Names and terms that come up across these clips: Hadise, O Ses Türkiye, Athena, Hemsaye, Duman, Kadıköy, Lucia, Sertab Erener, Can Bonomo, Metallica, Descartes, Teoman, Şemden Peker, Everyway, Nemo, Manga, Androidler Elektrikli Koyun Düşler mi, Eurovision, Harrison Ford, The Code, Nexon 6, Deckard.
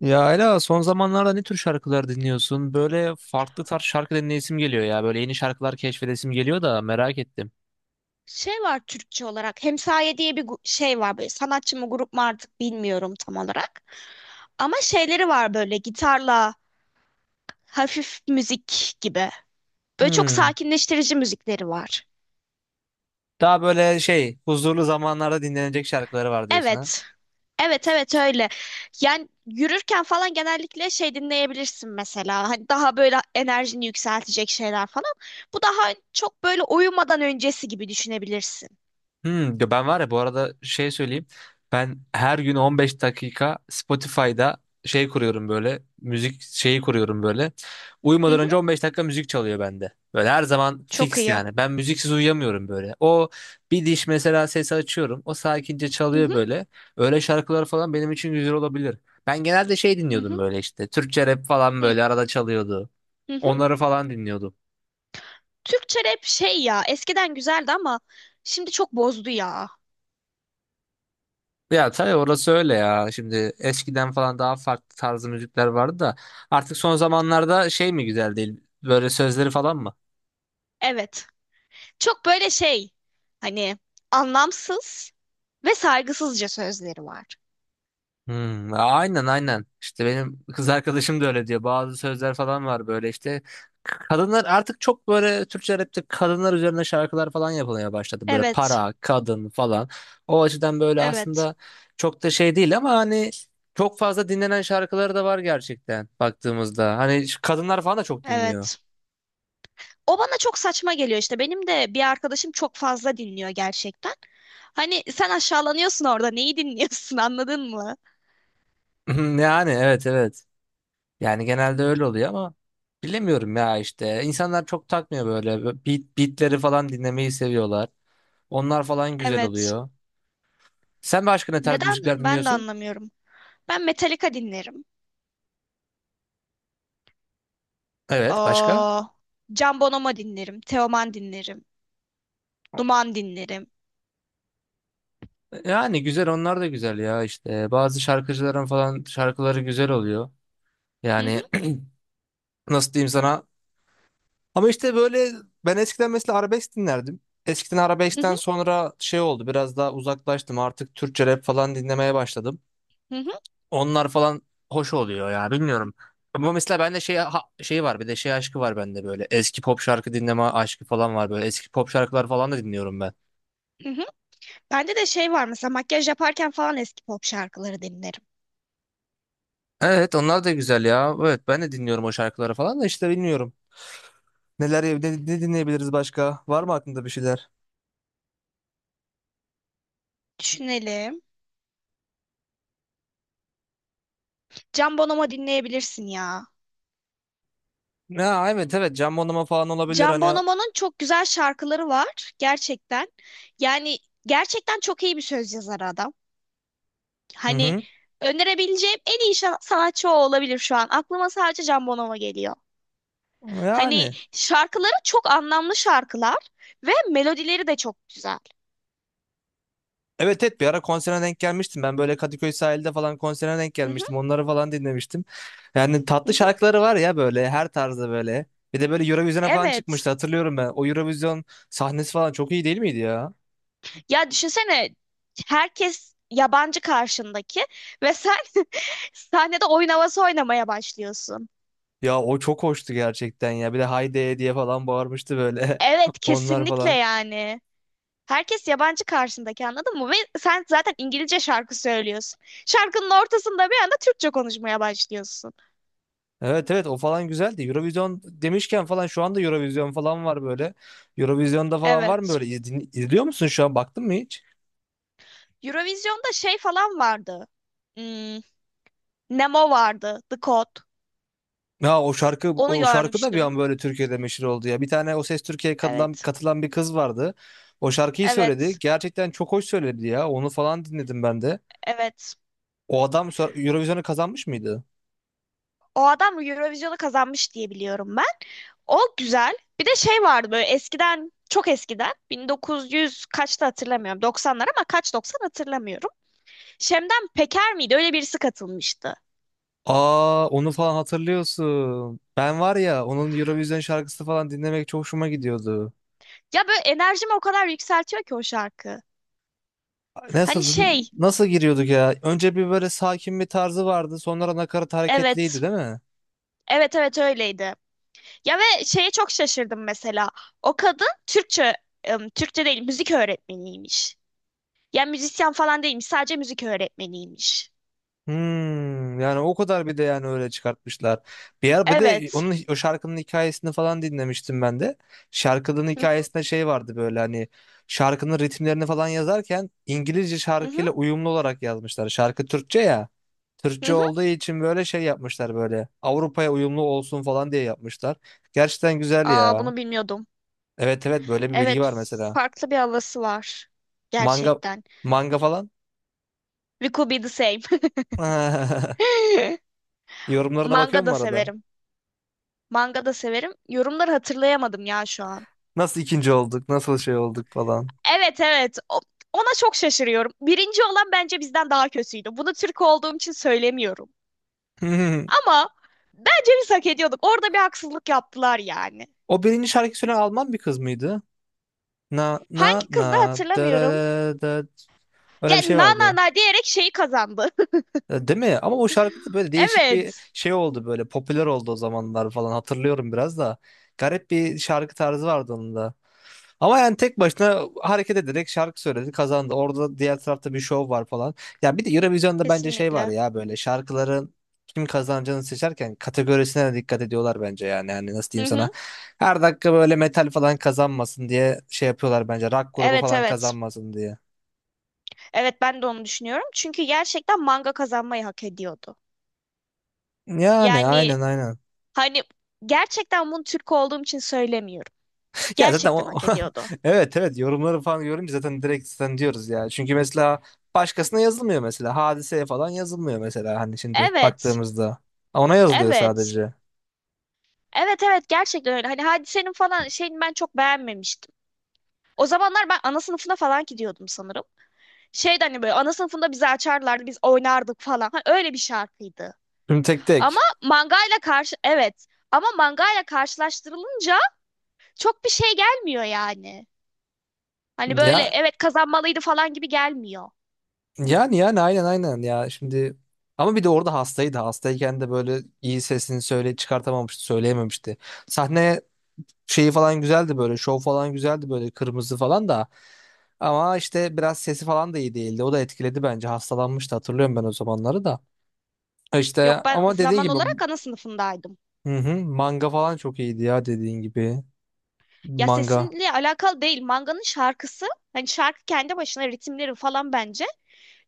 Ya Ayla son zamanlarda ne tür şarkılar dinliyorsun? Böyle farklı tarz şarkı dinleyesim geliyor ya. Böyle yeni şarkılar keşfedesim geliyor da merak ettim. Şey var Türkçe olarak. Hemsaye diye bir şey var böyle, sanatçı mı grup mu artık bilmiyorum tam olarak. Ama şeyleri var, böyle gitarla hafif müzik gibi. Böyle çok Hmm. sakinleştirici müzikleri var. Daha böyle şey huzurlu zamanlarda dinlenecek şarkıları var diyorsun ha? Evet. Evet evet öyle. Yani yürürken falan genellikle şey dinleyebilirsin mesela. Hani daha böyle enerjini yükseltecek şeyler falan. Bu daha çok böyle uyumadan öncesi gibi düşünebilirsin. Ya ben var ya bu arada şey söyleyeyim. Ben her gün 15 dakika Spotify'da şey kuruyorum böyle. Müzik şeyi kuruyorum böyle. Hı Uyumadan hı. önce 15 dakika müzik çalıyor bende. Böyle her zaman Çok fix iyi. yani. Ben müziksiz uyuyamıyorum böyle. O bir diş mesela sesi açıyorum. O sakince Hı çalıyor hı. böyle. Öyle şarkılar falan benim için güzel olabilir. Ben genelde şey Hı dinliyordum hı. böyle işte. Türkçe rap falan Hı böyle arada çalıyordu. hı. Onları falan dinliyordum. Türkçe rap şey ya, eskiden güzeldi ama şimdi çok bozdu ya. Ya tabii orası öyle ya. Şimdi eskiden falan daha farklı tarzı müzikler vardı da artık son zamanlarda şey mi güzel değil? Böyle sözleri falan mı? Evet. Çok böyle şey, hani, anlamsız ve saygısızca sözleri var. Aynen aynen. İşte benim kız arkadaşım da öyle diyor. Bazı sözler falan var böyle işte. Kadınlar artık çok böyle Türkçe rapte kadınlar üzerine şarkılar falan yapılmaya başladı. Böyle Evet. para, kadın falan. O açıdan böyle Evet. aslında çok da şey değil ama hani çok fazla dinlenen şarkıları da var gerçekten baktığımızda. Hani şu kadınlar falan da çok dinliyor. Evet. O bana çok saçma geliyor işte. Benim de bir arkadaşım çok fazla dinliyor gerçekten. Hani sen aşağılanıyorsun orada. Neyi dinliyorsun anladın mı? Yani evet evet. Yani genelde öyle oluyor ama bilemiyorum ya işte. İnsanlar çok takmıyor böyle. Beatleri falan dinlemeyi seviyorlar. Onlar falan güzel Evet. oluyor. Sen başka ne tarz Neden? müzikler Ben de dinliyorsun? anlamıyorum. Ben Metallica dinlerim. Evet başka? Aa, Can Bonomo dinlerim, Teoman dinlerim, Duman dinlerim. Yani güzel onlar da güzel ya işte. Bazı şarkıcıların falan şarkıları güzel oluyor. Hı Yani hı, nasıl diyeyim sana? Ama işte böyle ben eskiden mesela arabesk dinlerdim. Eskiden hı arabeskten hı, sonra şey oldu biraz daha uzaklaştım artık Türkçe rap falan dinlemeye başladım. hı hı, Onlar falan hoş oluyor ya bilmiyorum. Ama mesela bende şey şey var bir de şey aşkı var bende böyle. Eski pop şarkı dinleme aşkı falan var böyle. Eski pop şarkılar falan da dinliyorum ben. hı hı. Bende de şey var, mesela makyaj yaparken falan eski pop şarkıları dinlerim. Evet onlar da güzel ya. Evet ben de dinliyorum o şarkıları falan da işte bilmiyorum. Neler ne dinleyebiliriz başka? Var mı aklında bir şeyler? Düşünelim. Can Bonomo dinleyebilirsin ya. Ya evet evet Can Bonomo falan olabilir Can hani. Bonomo'nun çok güzel şarkıları var gerçekten. Yani gerçekten çok iyi bir söz yazarı adam. Hı Hani hı. önerebileceğim en iyi sanatçı o olabilir şu an. Aklıma sadece Can Bonomo geliyor. Hani Yani. şarkıları çok anlamlı şarkılar ve melodileri de çok güzel. Evet evet bir ara konserine denk gelmiştim. Ben böyle Kadıköy sahilde falan konserine denk Hı hı, gelmiştim. Onları falan dinlemiştim. Yani hı tatlı hı. şarkıları var ya böyle her tarzda böyle. Bir de böyle Eurovision'a falan Evet. çıkmıştı hatırlıyorum ben. O Eurovision sahnesi falan çok iyi değil miydi ya? Ya düşünsene, herkes yabancı karşındaki ve sen sahnede oyun havası oynamaya başlıyorsun. Ya o çok hoştu gerçekten ya. Bir de Haydi diye falan bağırmıştı böyle. Evet, Onlar kesinlikle falan. yani. Herkes yabancı karşındaki, anladın mı? Ve sen zaten İngilizce şarkı söylüyorsun. Şarkının ortasında bir anda Türkçe konuşmaya başlıyorsun. Evet evet o falan güzeldi. Eurovision demişken falan şu anda Eurovision falan var böyle. Eurovision'da falan var mı Evet. böyle? İzliyor musun şu an baktın mı hiç? Eurovision'da şey falan vardı. Hmm, Nemo vardı. The Code. Ya o şarkı Onu o şarkı da bir an görmüştüm. böyle Türkiye'de meşhur oldu ya. Bir tane O Ses Türkiye'ye katılan, Evet. katılan bir kız vardı. O şarkıyı söyledi. Evet. Gerçekten çok hoş söyledi ya. Onu falan dinledim ben de. Evet. O adam Eurovision'u kazanmış mıydı? O adam Eurovision'u kazanmış diye biliyorum ben. O güzel. Bir de şey vardı böyle, eskiden, çok eskiden, 1900 kaçta hatırlamıyorum. 90'lar ama kaç 90 hatırlamıyorum. Şemden Peker miydi? Öyle birisi katılmıştı. Aa onu falan hatırlıyorsun. Ben var ya onun Eurovision şarkısı falan dinlemek çok hoşuma gidiyordu. Ya böyle enerjimi o kadar yükseltiyor ki o şarkı. Hani Nasıl şey, nasıl giriyorduk ya? Önce bir böyle sakin bir tarzı vardı. Sonra nakarat evet. hareketliydi değil mi? Evet evet, öyleydi. Ya ve şeye çok şaşırdım mesela. O kadın Türkçe, Türkçe değil, müzik öğretmeniymiş. Ya müzisyen falan değilmiş, sadece müzik öğretmeniymiş. Yani o kadar bir de yani öyle çıkartmışlar. Bir ara bir de Evet. onun o şarkının hikayesini falan dinlemiştim ben de. Şarkının Hı hikayesinde şey vardı böyle hani şarkının ritimlerini falan yazarken İngilizce hı, hı şarkıyla uyumlu olarak yazmışlar. Şarkı Türkçe ya. hı. Türkçe Hı. olduğu için böyle şey yapmışlar böyle. Avrupa'ya uyumlu olsun falan diye yapmışlar. Gerçekten güzel Aa, ya. bunu bilmiyordum. Evet evet böyle bir bilgi Evet, var mesela. farklı bir havası var. Manga Gerçekten. manga falan. We could be the same. Yorumlarına Manga bakıyor mu da arada? severim. Manga da severim. Yorumları hatırlayamadım ya şu an. Nasıl ikinci olduk? Nasıl şey olduk falan. Evet evet. Ona çok şaşırıyorum. Birinci olan bence bizden daha kötüydü. Bunu Türk olduğum için söylemiyorum. Hmm. Ama bence biz hak ediyorduk. Orada bir haksızlık yaptılar yani. O birinci şarkı söyleyen Alman bir kız mıydı? Na na Hangi kızdı na da da hatırlamıyorum. da da. Öyle bir şey Yani na na vardı. na diyerek şeyi kazandı. E, değil mi? Ama o şarkıda böyle değişik bir Evet. şey oldu böyle. Popüler oldu o zamanlar falan. Hatırlıyorum biraz da. Garip bir şarkı tarzı vardı onun da. Ama yani tek başına hareket ederek şarkı söyledi, kazandı. Orada diğer tarafta bir şov var falan. Ya bir de Eurovision'da bence şey var Kesinlikle. ya böyle şarkıların kim kazanacağını seçerken kategorisine de dikkat ediyorlar bence yani. Yani nasıl diyeyim Hı sana? hı. Her dakika böyle metal falan kazanmasın diye şey yapıyorlar bence. Rock grubu Evet falan evet. kazanmasın diye. Evet, ben de onu düşünüyorum. Çünkü gerçekten Manga kazanmayı hak ediyordu. Yani Yani aynen aynen. hani, gerçekten bunu Türk olduğum için söylemiyorum. Ya zaten Gerçekten o, hak ediyordu. evet evet yorumları falan görünce zaten direkt zaten diyoruz ya. Çünkü mesela başkasına yazılmıyor mesela. Hadiseye falan yazılmıyor mesela hani şimdi Evet. baktığımızda. Ona yazılıyor Evet. sadece. Evet evet, gerçekten öyle. Hani Hadise'nin falan şeyini ben çok beğenmemiştim. O zamanlar ben ana sınıfına falan gidiyordum sanırım. Şeydi hani, böyle ana sınıfında bizi açarlardı, biz oynardık falan. Hani öyle bir şarkıydı. Tüm tek Ama tek. mangayla karşı, evet. Ama mangayla karşılaştırılınca çok bir şey gelmiyor yani. Hani böyle, Ya evet kazanmalıydı falan gibi gelmiyor. yani aynen aynen ya şimdi ama bir de orada hastaydı. Hastayken de böyle iyi sesini söyle çıkartamamıştı, söyleyememişti. Sahne şeyi falan güzeldi böyle, şov falan güzeldi böyle kırmızı falan da ama işte biraz sesi falan da iyi değildi. O da etkiledi bence. Hastalanmıştı hatırlıyorum ben o zamanları da. İşte Yok, ben ama dediğin zaman gibi olarak ana sınıfındaydım. hı hı, manga falan çok iyiydi ya dediğin gibi. Ya Manga. sesinle alakalı değil. Manganın şarkısı, hani şarkı kendi başına, ritimleri falan bence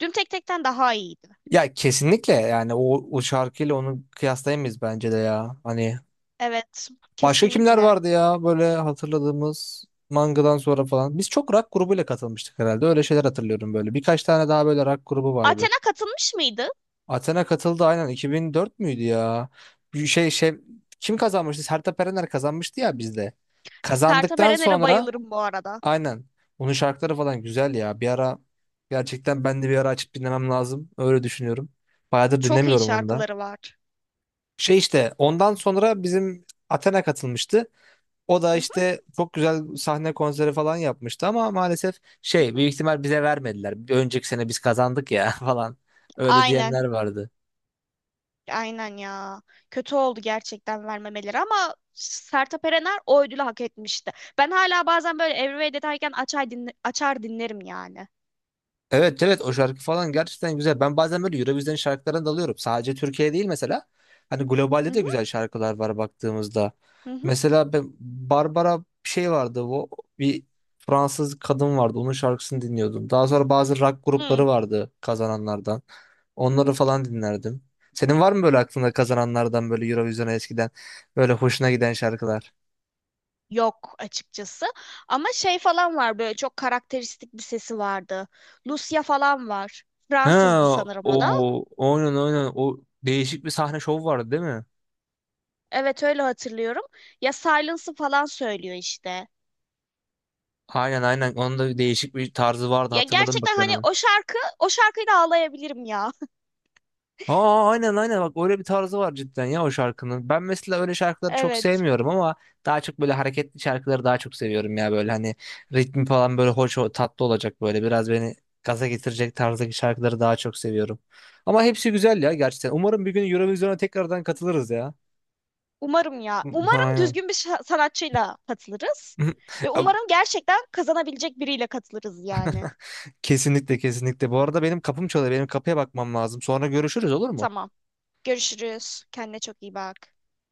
Düm Tek Tek'ten daha iyiydi. Ya kesinlikle yani o şarkıyla onu kıyaslayamayız bence de ya. Hani Evet, başka kimler kesinlikle. vardı ya böyle hatırladığımız mangadan sonra falan. Biz çok rock grubuyla katılmıştık herhalde. Öyle şeyler hatırlıyorum böyle. Birkaç tane daha böyle rock grubu vardı. Athena katılmış mıydı? Athena katıldı aynen 2004 müydü ya? Bir şey kim kazanmıştı? Sertab Erener kazanmıştı ya bizde. Sertab Kazandıktan Erener'e sonra bayılırım bu arada. aynen. Onun şarkıları falan güzel ya. Bir ara gerçekten ben de bir ara açıp dinlemem lazım. Öyle düşünüyorum. Bayağıdır Çok iyi dinlemiyorum onu da. şarkıları var. Şey işte ondan sonra bizim Athena katılmıştı. O da Hı hı, işte çok güzel sahne konseri falan yapmıştı ama maalesef hı şey hı. büyük ihtimal bize vermediler. Bir önceki sene biz kazandık ya falan. Öyle Aynen. diyenler vardı. Aynen ya. Kötü oldu gerçekten vermemeleri, ama Sertab Erener o ödülü hak etmişti. Ben hala bazen böyle Everyway deterken açar dinlerim yani. Evet evet o şarkı falan gerçekten güzel. Ben bazen böyle Eurovision şarkılarına dalıyorum. Sadece Türkiye değil mesela. Hani Hı globalde de hı, güzel şarkılar var baktığımızda. hı hı. Mesela ben Barbara bir şey vardı. O bir Fransız kadın vardı. Onun şarkısını dinliyordum. Daha sonra bazı rock grupları Hı. vardı kazananlardan. Onları falan dinlerdim. Senin var mı böyle aklında kazananlardan böyle Eurovision'a eskiden böyle hoşuna giden şarkılar? Yok açıkçası. Ama şey falan var, böyle çok karakteristik bir sesi vardı. Lucia falan var. Ha Fransızdı sanırım o da. o oynan o değişik bir sahne şovu vardı değil mi? Evet, öyle hatırlıyorum. Ya Silence'ı falan söylüyor işte. Aynen aynen. Onun da değişik bir tarzı vardı. Ya Hatırladım bak gerçekten ben hani onu. o şarkı, o şarkıyla ağlayabilirim ya. Aa aynen aynen bak öyle bir tarzı var cidden ya o şarkının. Ben mesela öyle şarkıları çok Evet. sevmiyorum ama daha çok böyle hareketli şarkıları daha çok seviyorum ya böyle hani ritmi falan böyle hoş tatlı olacak böyle biraz beni gaza getirecek tarzdaki şarkıları daha çok seviyorum. Ama hepsi güzel ya gerçekten. Umarım bir gün Eurovision'a tekrardan katılırız ya. Umarım ya. Umarım Aynen. düzgün bir sanatçıyla katılırız. Ve umarım gerçekten kazanabilecek biriyle katılırız yani. Kesinlikle kesinlikle. Bu arada benim kapım çalıyor. Benim kapıya bakmam lazım. Sonra görüşürüz olur mu? Tamam. Görüşürüz. Kendine çok iyi bak.